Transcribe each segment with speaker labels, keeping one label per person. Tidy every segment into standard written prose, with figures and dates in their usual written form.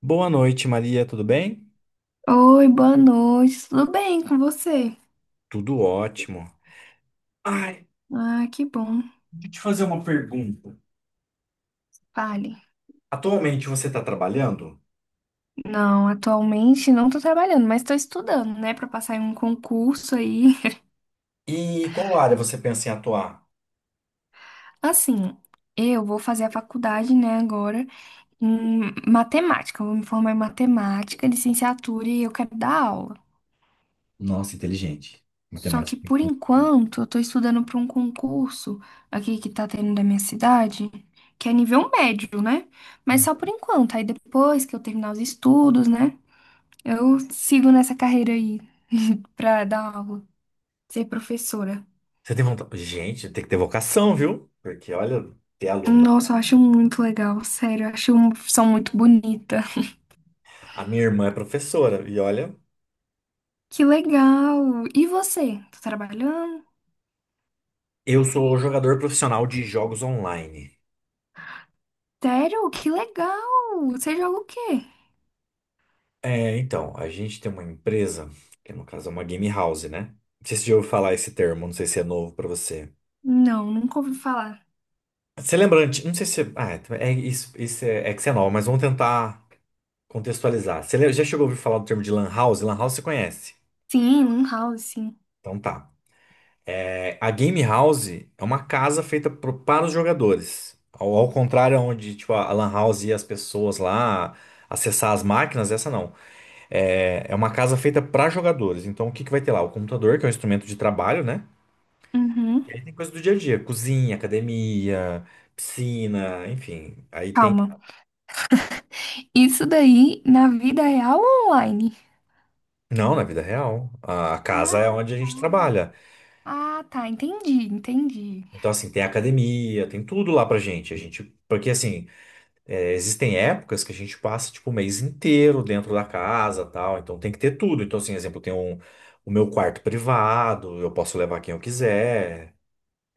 Speaker 1: Boa noite, Maria, tudo bem?
Speaker 2: Oi, boa noite. Tudo bem com você?
Speaker 1: Tudo ótimo. Ai,
Speaker 2: Ah, que bom.
Speaker 1: Deixa eu te fazer uma pergunta.
Speaker 2: Fale.
Speaker 1: Atualmente você está trabalhando?
Speaker 2: Não, atualmente não tô trabalhando, mas tô estudando, né, pra passar em um concurso aí.
Speaker 1: E qual área você pensa em atuar?
Speaker 2: Assim, eu vou fazer a faculdade, né, agora em matemática. Eu vou me formar em matemática, licenciatura e eu quero dar aula.
Speaker 1: Nossa, inteligente.
Speaker 2: Só que
Speaker 1: Matemática.
Speaker 2: por enquanto eu tô estudando pra um concurso aqui que tá tendo da minha cidade, que é nível médio, né? Mas só por enquanto. Aí depois que eu terminar os estudos, né? Eu sigo nessa carreira aí pra dar aula, ser professora.
Speaker 1: Você tem vontade? Gente, tem que ter vocação, viu? Porque olha, ter aluna.
Speaker 2: Nossa, eu acho muito legal, sério, eu acho uma profissão muito bonita.
Speaker 1: A minha irmã é professora e olha,
Speaker 2: Que legal! E você? Tá trabalhando?
Speaker 1: eu sou jogador profissional de jogos online.
Speaker 2: Sério? Que legal! Você joga o quê?
Speaker 1: A gente tem uma empresa, que no caso é uma game house, né? Não sei se você já ouviu falar esse termo, não sei se é novo para você.
Speaker 2: Não, nunca ouvi falar.
Speaker 1: Você lembra, não sei se, isso, isso é que você é nova, mas vamos tentar contextualizar. Já chegou a ouvir falar do termo de lan house? Lan house você conhece?
Speaker 2: Sim, um House, sim.
Speaker 1: Então tá. É, a game house é uma casa feita para os jogadores. Ao contrário, onde tipo, a lan house e as pessoas lá acessar as máquinas, essa não. É uma casa feita para jogadores. Então o que que vai ter lá? O computador, que é um instrumento de trabalho, né?
Speaker 2: Uhum.
Speaker 1: E aí tem coisa do dia a dia, cozinha, academia, piscina, enfim. Aí tem.
Speaker 2: Calma. Isso daí na vida real ou online?
Speaker 1: Não, na vida real. A casa
Speaker 2: Ah,
Speaker 1: é onde a
Speaker 2: tá.
Speaker 1: gente trabalha.
Speaker 2: Ah, tá. Entendi, entendi.
Speaker 1: Então, assim, tem academia, tem tudo lá pra gente. A gente, porque assim, é, existem épocas que a gente passa tipo o mês inteiro dentro da casa, tal. Então tem que ter tudo. Então, assim, exemplo, o meu quarto privado, eu posso levar quem eu quiser.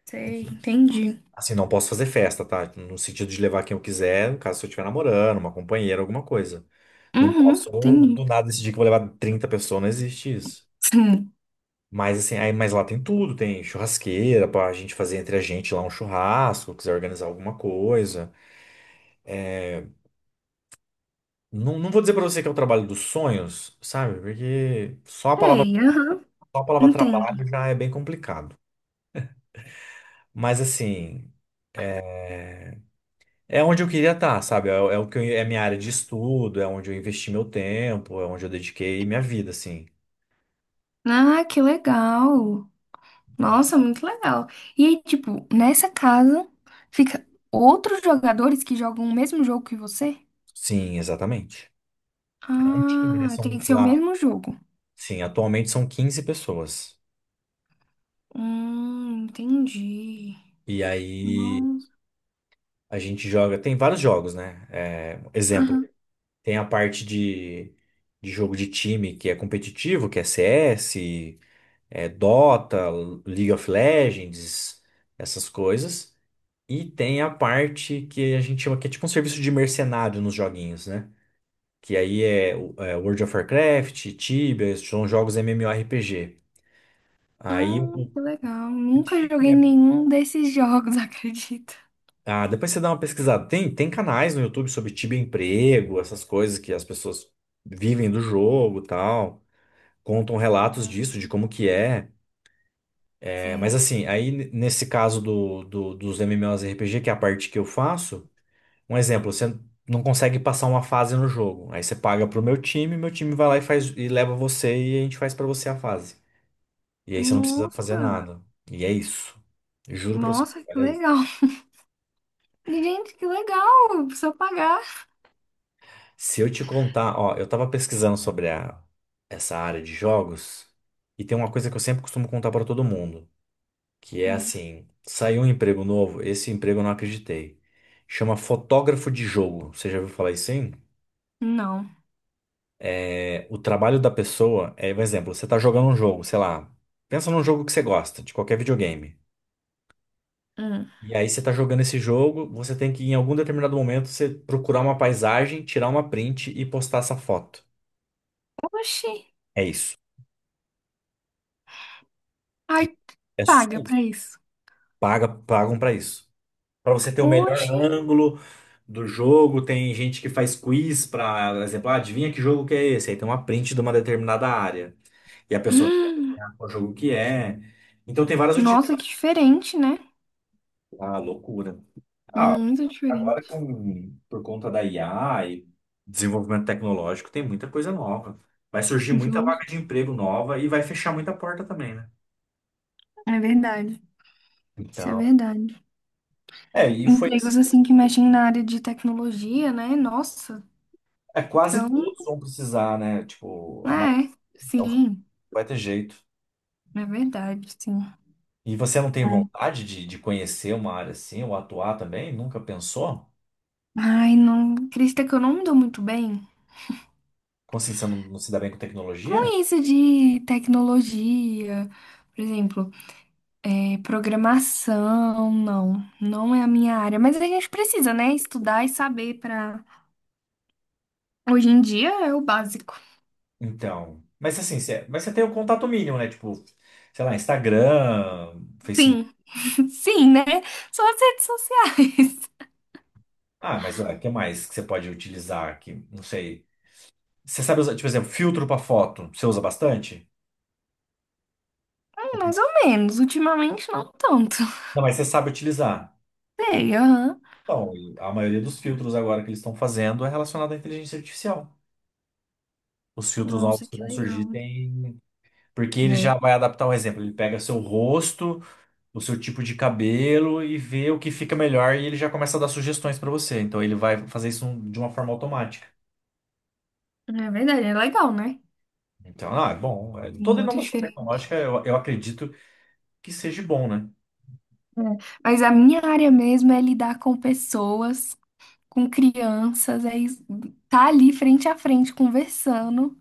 Speaker 2: Sei,
Speaker 1: Enfim,
Speaker 2: entendi.
Speaker 1: assim, não posso fazer festa, tá? No sentido de levar quem eu quiser, no caso se eu estiver namorando, uma companheira, alguma coisa. Não
Speaker 2: Uhum,
Speaker 1: posso do
Speaker 2: entendi.
Speaker 1: nada decidir que vou levar 30 pessoas, não existe isso. Mas assim, aí, mas lá tem tudo, tem churrasqueira pra gente fazer entre a gente lá um churrasco, quiser organizar alguma coisa. Não, não vou dizer pra você que é o trabalho dos sonhos, sabe? Porque
Speaker 2: Sei, aham,
Speaker 1: só a palavra
Speaker 2: entendo.
Speaker 1: trabalho já é bem complicado. Mas assim, é onde eu queria estar, sabe? É minha área de estudo, é onde eu investi meu tempo, é onde eu dediquei minha vida, assim.
Speaker 2: Ah, que legal. Nossa, muito legal. E aí, tipo, nessa casa fica outros jogadores que jogam o mesmo jogo que você?
Speaker 1: Sim, exatamente. É um time, né?
Speaker 2: Ah, tem
Speaker 1: São
Speaker 2: que ser o
Speaker 1: lá,
Speaker 2: mesmo jogo.
Speaker 1: sim, atualmente são 15 pessoas.
Speaker 2: Entendi.
Speaker 1: E aí
Speaker 2: Nossa,
Speaker 1: a gente joga, tem vários jogos, né? É, exemplo,
Speaker 2: aham.
Speaker 1: tem a parte de jogo de time que é competitivo, que é CS, é Dota, League of Legends, essas coisas. E tem a parte que a gente chama que é tipo um serviço de mercenário nos joguinhos, né? Que aí é World of Warcraft, Tibia, são jogos MMORPG. Aí
Speaker 2: Que legal.
Speaker 1: o
Speaker 2: Nunca
Speaker 1: time
Speaker 2: joguei
Speaker 1: é
Speaker 2: nenhum desses jogos, acredita.
Speaker 1: Ah, depois você dá uma pesquisada. Tem canais no YouTube sobre Tibia Emprego, essas coisas que as pessoas vivem do jogo, e tal. Contam relatos
Speaker 2: Hum.
Speaker 1: disso, de como que é. É, mas
Speaker 2: Sei.
Speaker 1: assim, nesse caso dos MMORPG, que é a parte que eu faço, um exemplo, você não consegue passar uma fase no jogo. Aí você paga pro meu time vai lá e faz e leva você e a gente faz pra você a fase. E aí você não precisa fazer
Speaker 2: Nossa,
Speaker 1: nada. E é isso. Juro pra você.
Speaker 2: nossa, que
Speaker 1: Olha,
Speaker 2: legal. Gente, que legal. Precisa pagar.
Speaker 1: se eu te contar, ó, eu tava pesquisando sobre essa área de jogos e tem uma coisa que eu sempre costumo contar pra todo mundo, que é
Speaker 2: Hum.
Speaker 1: assim, saiu um emprego novo, esse emprego eu não acreditei. Chama fotógrafo de jogo. Você já ouviu falar isso, hein?
Speaker 2: Não.
Speaker 1: É, o trabalho da pessoa é, por exemplo, você tá jogando um jogo, sei lá, pensa num jogo que você gosta, de qualquer videogame.
Speaker 2: Hum.
Speaker 1: E aí você tá jogando esse jogo, você tem que em algum determinado momento você procurar uma paisagem, tirar uma print e postar essa foto.
Speaker 2: Oxi.
Speaker 1: É isso.
Speaker 2: Ai,
Speaker 1: É só
Speaker 2: paga
Speaker 1: isso.
Speaker 2: pra isso.
Speaker 1: Paga, pagam para isso. Para você ter o melhor
Speaker 2: Oxi.
Speaker 1: ângulo do jogo, tem gente que faz quiz para, por exemplo, ah, adivinha que jogo que é esse? Aí tem uma print de uma determinada área. E a pessoa tem que
Speaker 2: Hum.
Speaker 1: adivinhar qual jogo que é. Então tem várias
Speaker 2: Nossa,
Speaker 1: utilidades.
Speaker 2: que diferente, né?
Speaker 1: Ah, loucura. Ah,
Speaker 2: Muito
Speaker 1: Agora,
Speaker 2: diferente.
Speaker 1: com, por conta da IA e desenvolvimento tecnológico, tem muita coisa nova. Vai surgir muita vaga
Speaker 2: Justo.
Speaker 1: de emprego nova e vai fechar muita porta também, né?
Speaker 2: É verdade. Isso é
Speaker 1: Então,
Speaker 2: verdade.
Speaker 1: é, e foi assim,
Speaker 2: Empregos assim que mexem na área de tecnologia, né? Nossa.
Speaker 1: é quase
Speaker 2: Então,
Speaker 1: todos vão precisar, né? Tipo, a maioria.
Speaker 2: é.
Speaker 1: Então,
Speaker 2: Sim.
Speaker 1: vai ter jeito.
Speaker 2: É verdade, sim.
Speaker 1: E você não tem
Speaker 2: É.
Speaker 1: vontade de conhecer uma área assim, ou atuar também? Nunca pensou?
Speaker 2: Ai, não. Acredita que eu não me dou muito bem
Speaker 1: Como assim, você não se dá bem com tecnologia?
Speaker 2: com isso de tecnologia. Por exemplo. É, programação, não, não é a minha área, mas a gente precisa, né, estudar e saber para hoje em dia é o básico.
Speaker 1: Então, mas assim, você, mas você tem o contato mínimo, né? Tipo, sei lá, Instagram, Facebook.
Speaker 2: Sim. Sim, né? Só as redes sociais.
Speaker 1: Ah, mas o que mais que você pode utilizar aqui? Não sei. Você sabe usar, tipo, por exemplo, filtro para foto, você usa bastante? Ou
Speaker 2: Mais
Speaker 1: não,
Speaker 2: ou menos, ultimamente não tanto.
Speaker 1: não, mas você sabe utilizar.
Speaker 2: Sei, aham.
Speaker 1: Então, e a maioria dos filtros agora que eles estão fazendo é relacionado à inteligência artificial. Os filtros novos
Speaker 2: Nossa,
Speaker 1: que
Speaker 2: que
Speaker 1: vão surgir
Speaker 2: legal.
Speaker 1: têm. Porque ele já
Speaker 2: É,
Speaker 1: vai adaptar um exemplo. Ele pega seu rosto, o seu tipo de cabelo e vê o que fica melhor e ele já começa a dar sugestões para você. Então ele vai fazer isso de uma forma automática.
Speaker 2: é verdade, é legal, né?
Speaker 1: Então, ah, é bom. É- Toda
Speaker 2: Muito
Speaker 1: inovação tecnológica
Speaker 2: diferente.
Speaker 1: eu acredito que seja bom, né?
Speaker 2: É. Mas a minha área mesmo é lidar com pessoas, com crianças, é estar tá ali frente a frente conversando.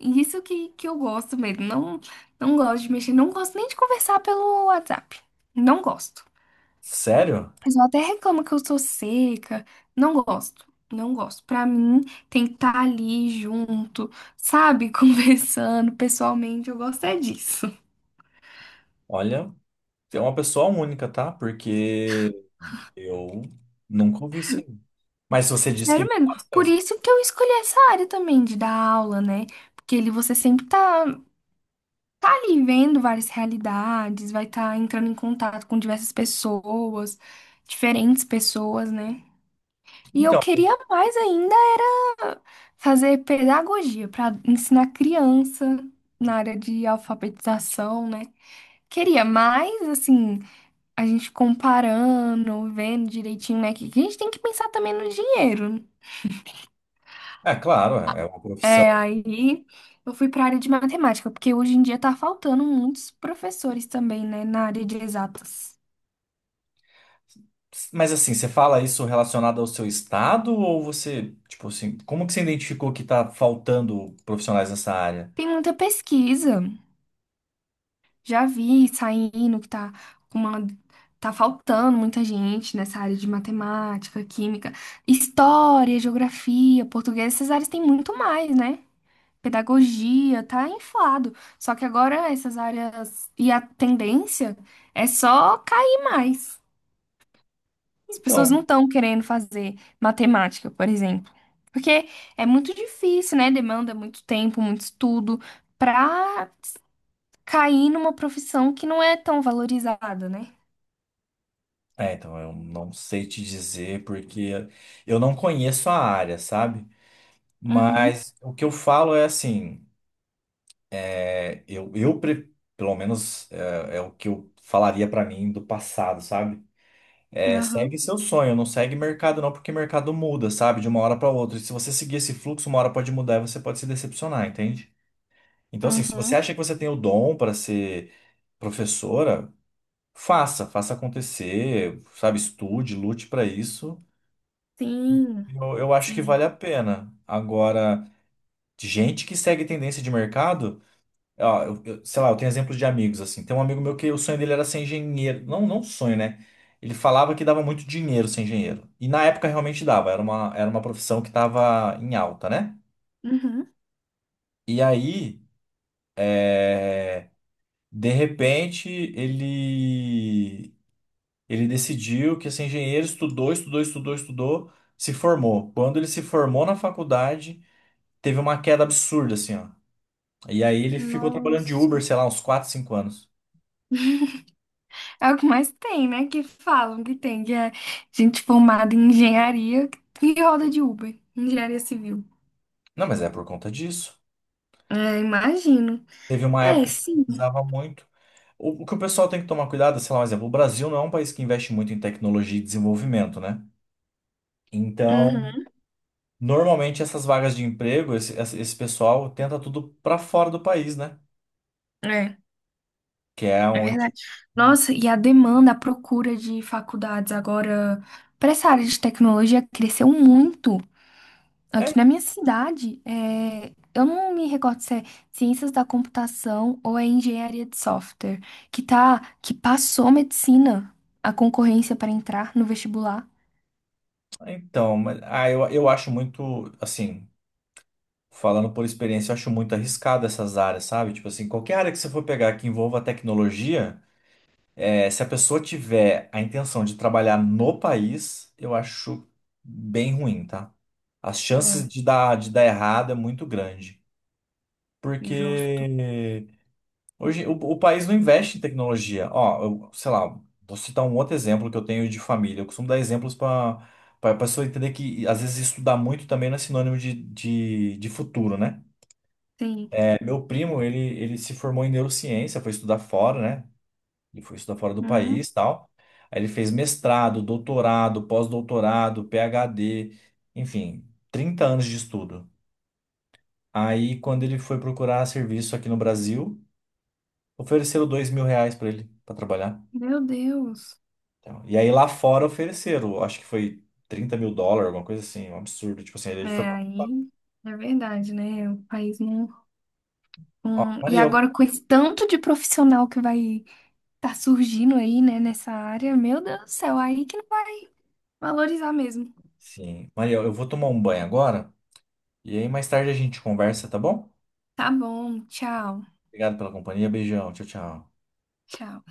Speaker 2: E isso que eu gosto mesmo. Não, não gosto de mexer. Não gosto nem de conversar pelo WhatsApp. Não gosto.
Speaker 1: Sério?
Speaker 2: O pessoal até reclama que eu sou seca. Não gosto. Não gosto. Pra mim, tem que estar ali junto, sabe? Conversando pessoalmente. Eu gosto é disso.
Speaker 1: Olha, você é uma pessoa única, tá? Porque eu nunca ouvi isso aí. Mas se você disse que
Speaker 2: Sério mesmo.
Speaker 1: gosta,
Speaker 2: Por isso que eu escolhi essa área também de dar aula, né? Porque ele você sempre tá, tá ali vendo várias realidades, vai estar entrando em contato com diversas pessoas, diferentes pessoas, né? E eu
Speaker 1: então,
Speaker 2: queria mais ainda era fazer pedagogia para ensinar criança na área de alfabetização, né? Queria mais, assim, a gente comparando, vendo direitinho, né? Que a gente tem que pensar também no dinheiro.
Speaker 1: é claro, é uma
Speaker 2: É,
Speaker 1: profissão.
Speaker 2: aí eu fui para a área de matemática, porque hoje em dia tá faltando muitos professores também, né, na área de exatas.
Speaker 1: Mas assim, você fala isso relacionado ao seu estado ou você, tipo assim, como que você identificou que tá faltando profissionais nessa área?
Speaker 2: Tem muita pesquisa. Já vi saindo que tá com uma tá faltando muita gente nessa área de matemática, química, história, geografia, português, essas áreas têm muito mais, né? Pedagogia, tá inflado. Só que agora essas áreas e a tendência é só cair mais. As pessoas
Speaker 1: Então,
Speaker 2: não estão querendo fazer matemática, por exemplo, porque é muito difícil, né? Demanda muito tempo, muito estudo, para cair numa profissão que não é tão valorizada, né?
Speaker 1: então eu não sei te dizer porque eu não conheço a área, sabe?
Speaker 2: Uhum,
Speaker 1: Mas o que eu falo é assim, é, eu, eu pre- pelo menos é o que eu falaria pra mim do passado, sabe? É,
Speaker 2: uhum,
Speaker 1: segue seu sonho, não segue mercado não, porque mercado muda, sabe? De uma hora pra outra. E se você seguir esse fluxo, uma hora pode mudar e você pode se decepcionar, entende? Então, assim, se você
Speaker 2: uhum.
Speaker 1: acha que você tem o dom para ser professora, faça, faça acontecer, sabe? Estude, lute para isso.
Speaker 2: Sim,
Speaker 1: Eu acho que
Speaker 2: sim.
Speaker 1: vale a pena. Agora, de gente que segue tendência de mercado, ó, sei lá, eu tenho exemplos de amigos, assim. Tem um amigo meu que o sonho dele era ser engenheiro. Não sonho, né? Ele falava que dava muito dinheiro ser engenheiro. E na época realmente dava, era uma profissão que estava em alta, né?
Speaker 2: Uhum.
Speaker 1: E aí, é, de repente, ele decidiu que ia ser engenheiro, estudou, se formou. Quando ele se formou na faculdade, teve uma queda absurda, assim, ó. E aí ele ficou trabalhando de Uber,
Speaker 2: Nossa.
Speaker 1: sei lá, uns 4, 5 anos.
Speaker 2: É o que mais tem, né? Que falam que tem, que é gente formada em engenharia que roda de Uber, engenharia civil.
Speaker 1: Não, mas é por conta disso.
Speaker 2: É, imagino.
Speaker 1: Teve uma
Speaker 2: É,
Speaker 1: época que
Speaker 2: sim.
Speaker 1: precisava muito. O que o pessoal tem que tomar cuidado, sei lá, um exemplo, o Brasil não é um país que investe muito em tecnologia e desenvolvimento, né? Então,
Speaker 2: Uhum.
Speaker 1: normalmente essas vagas de emprego, esse pessoal tenta tudo para fora do país, né?
Speaker 2: É,
Speaker 1: Que é
Speaker 2: é
Speaker 1: onde.
Speaker 2: verdade. Nossa, e a demanda, a procura de faculdades agora para essa área de tecnologia cresceu muito. Aqui
Speaker 1: É.
Speaker 2: na minha cidade, é, eu não me recordo se é ciências da computação ou é engenharia de software, que tá, que passou medicina, a concorrência para entrar no vestibular.
Speaker 1: Então, mas, ah, eu acho muito, assim, falando por experiência, eu acho muito arriscado essas áreas, sabe? Tipo assim, qualquer área que você for pegar que envolva tecnologia, eh, se a pessoa tiver a intenção de trabalhar no país, eu acho bem ruim, tá? As chances
Speaker 2: É,
Speaker 1: de dar errado é muito grande. Porque
Speaker 2: justo.
Speaker 1: hoje, o país não investe em tecnologia. Ó, eu, sei lá, vou citar um outro exemplo que eu tenho de família. Eu costumo dar exemplos para a pessoa entender que, às vezes, estudar muito também não é sinônimo de futuro, né?
Speaker 2: Sim.
Speaker 1: É, meu primo, ele se formou em neurociência, foi estudar fora, né? Ele foi estudar fora do
Speaker 2: Hum,
Speaker 1: país e tal. Aí ele fez mestrado, doutorado, pós-doutorado, PhD, enfim, 30 anos de estudo. Aí, quando ele foi procurar serviço aqui no Brasil, ofereceram 2.000 reais para ele, para trabalhar.
Speaker 2: meu Deus.
Speaker 1: Então, e aí lá fora ofereceram, acho que foi 30.000 dólares, alguma coisa assim, um absurdo. Tipo assim, ele foi.
Speaker 2: É,
Speaker 1: Pra.
Speaker 2: aí é verdade, né? O país não.
Speaker 1: Ó,
Speaker 2: Não- e
Speaker 1: Mariel,
Speaker 2: agora com esse tanto de profissional que vai estar surgindo aí, né, nessa área, meu Deus do céu, aí que não vai valorizar mesmo.
Speaker 1: sim, Mariel, eu vou tomar um banho agora e aí mais tarde a gente conversa, tá bom?
Speaker 2: Tá bom, tchau.
Speaker 1: Obrigado pela companhia, beijão, tchau, tchau.
Speaker 2: Tchau.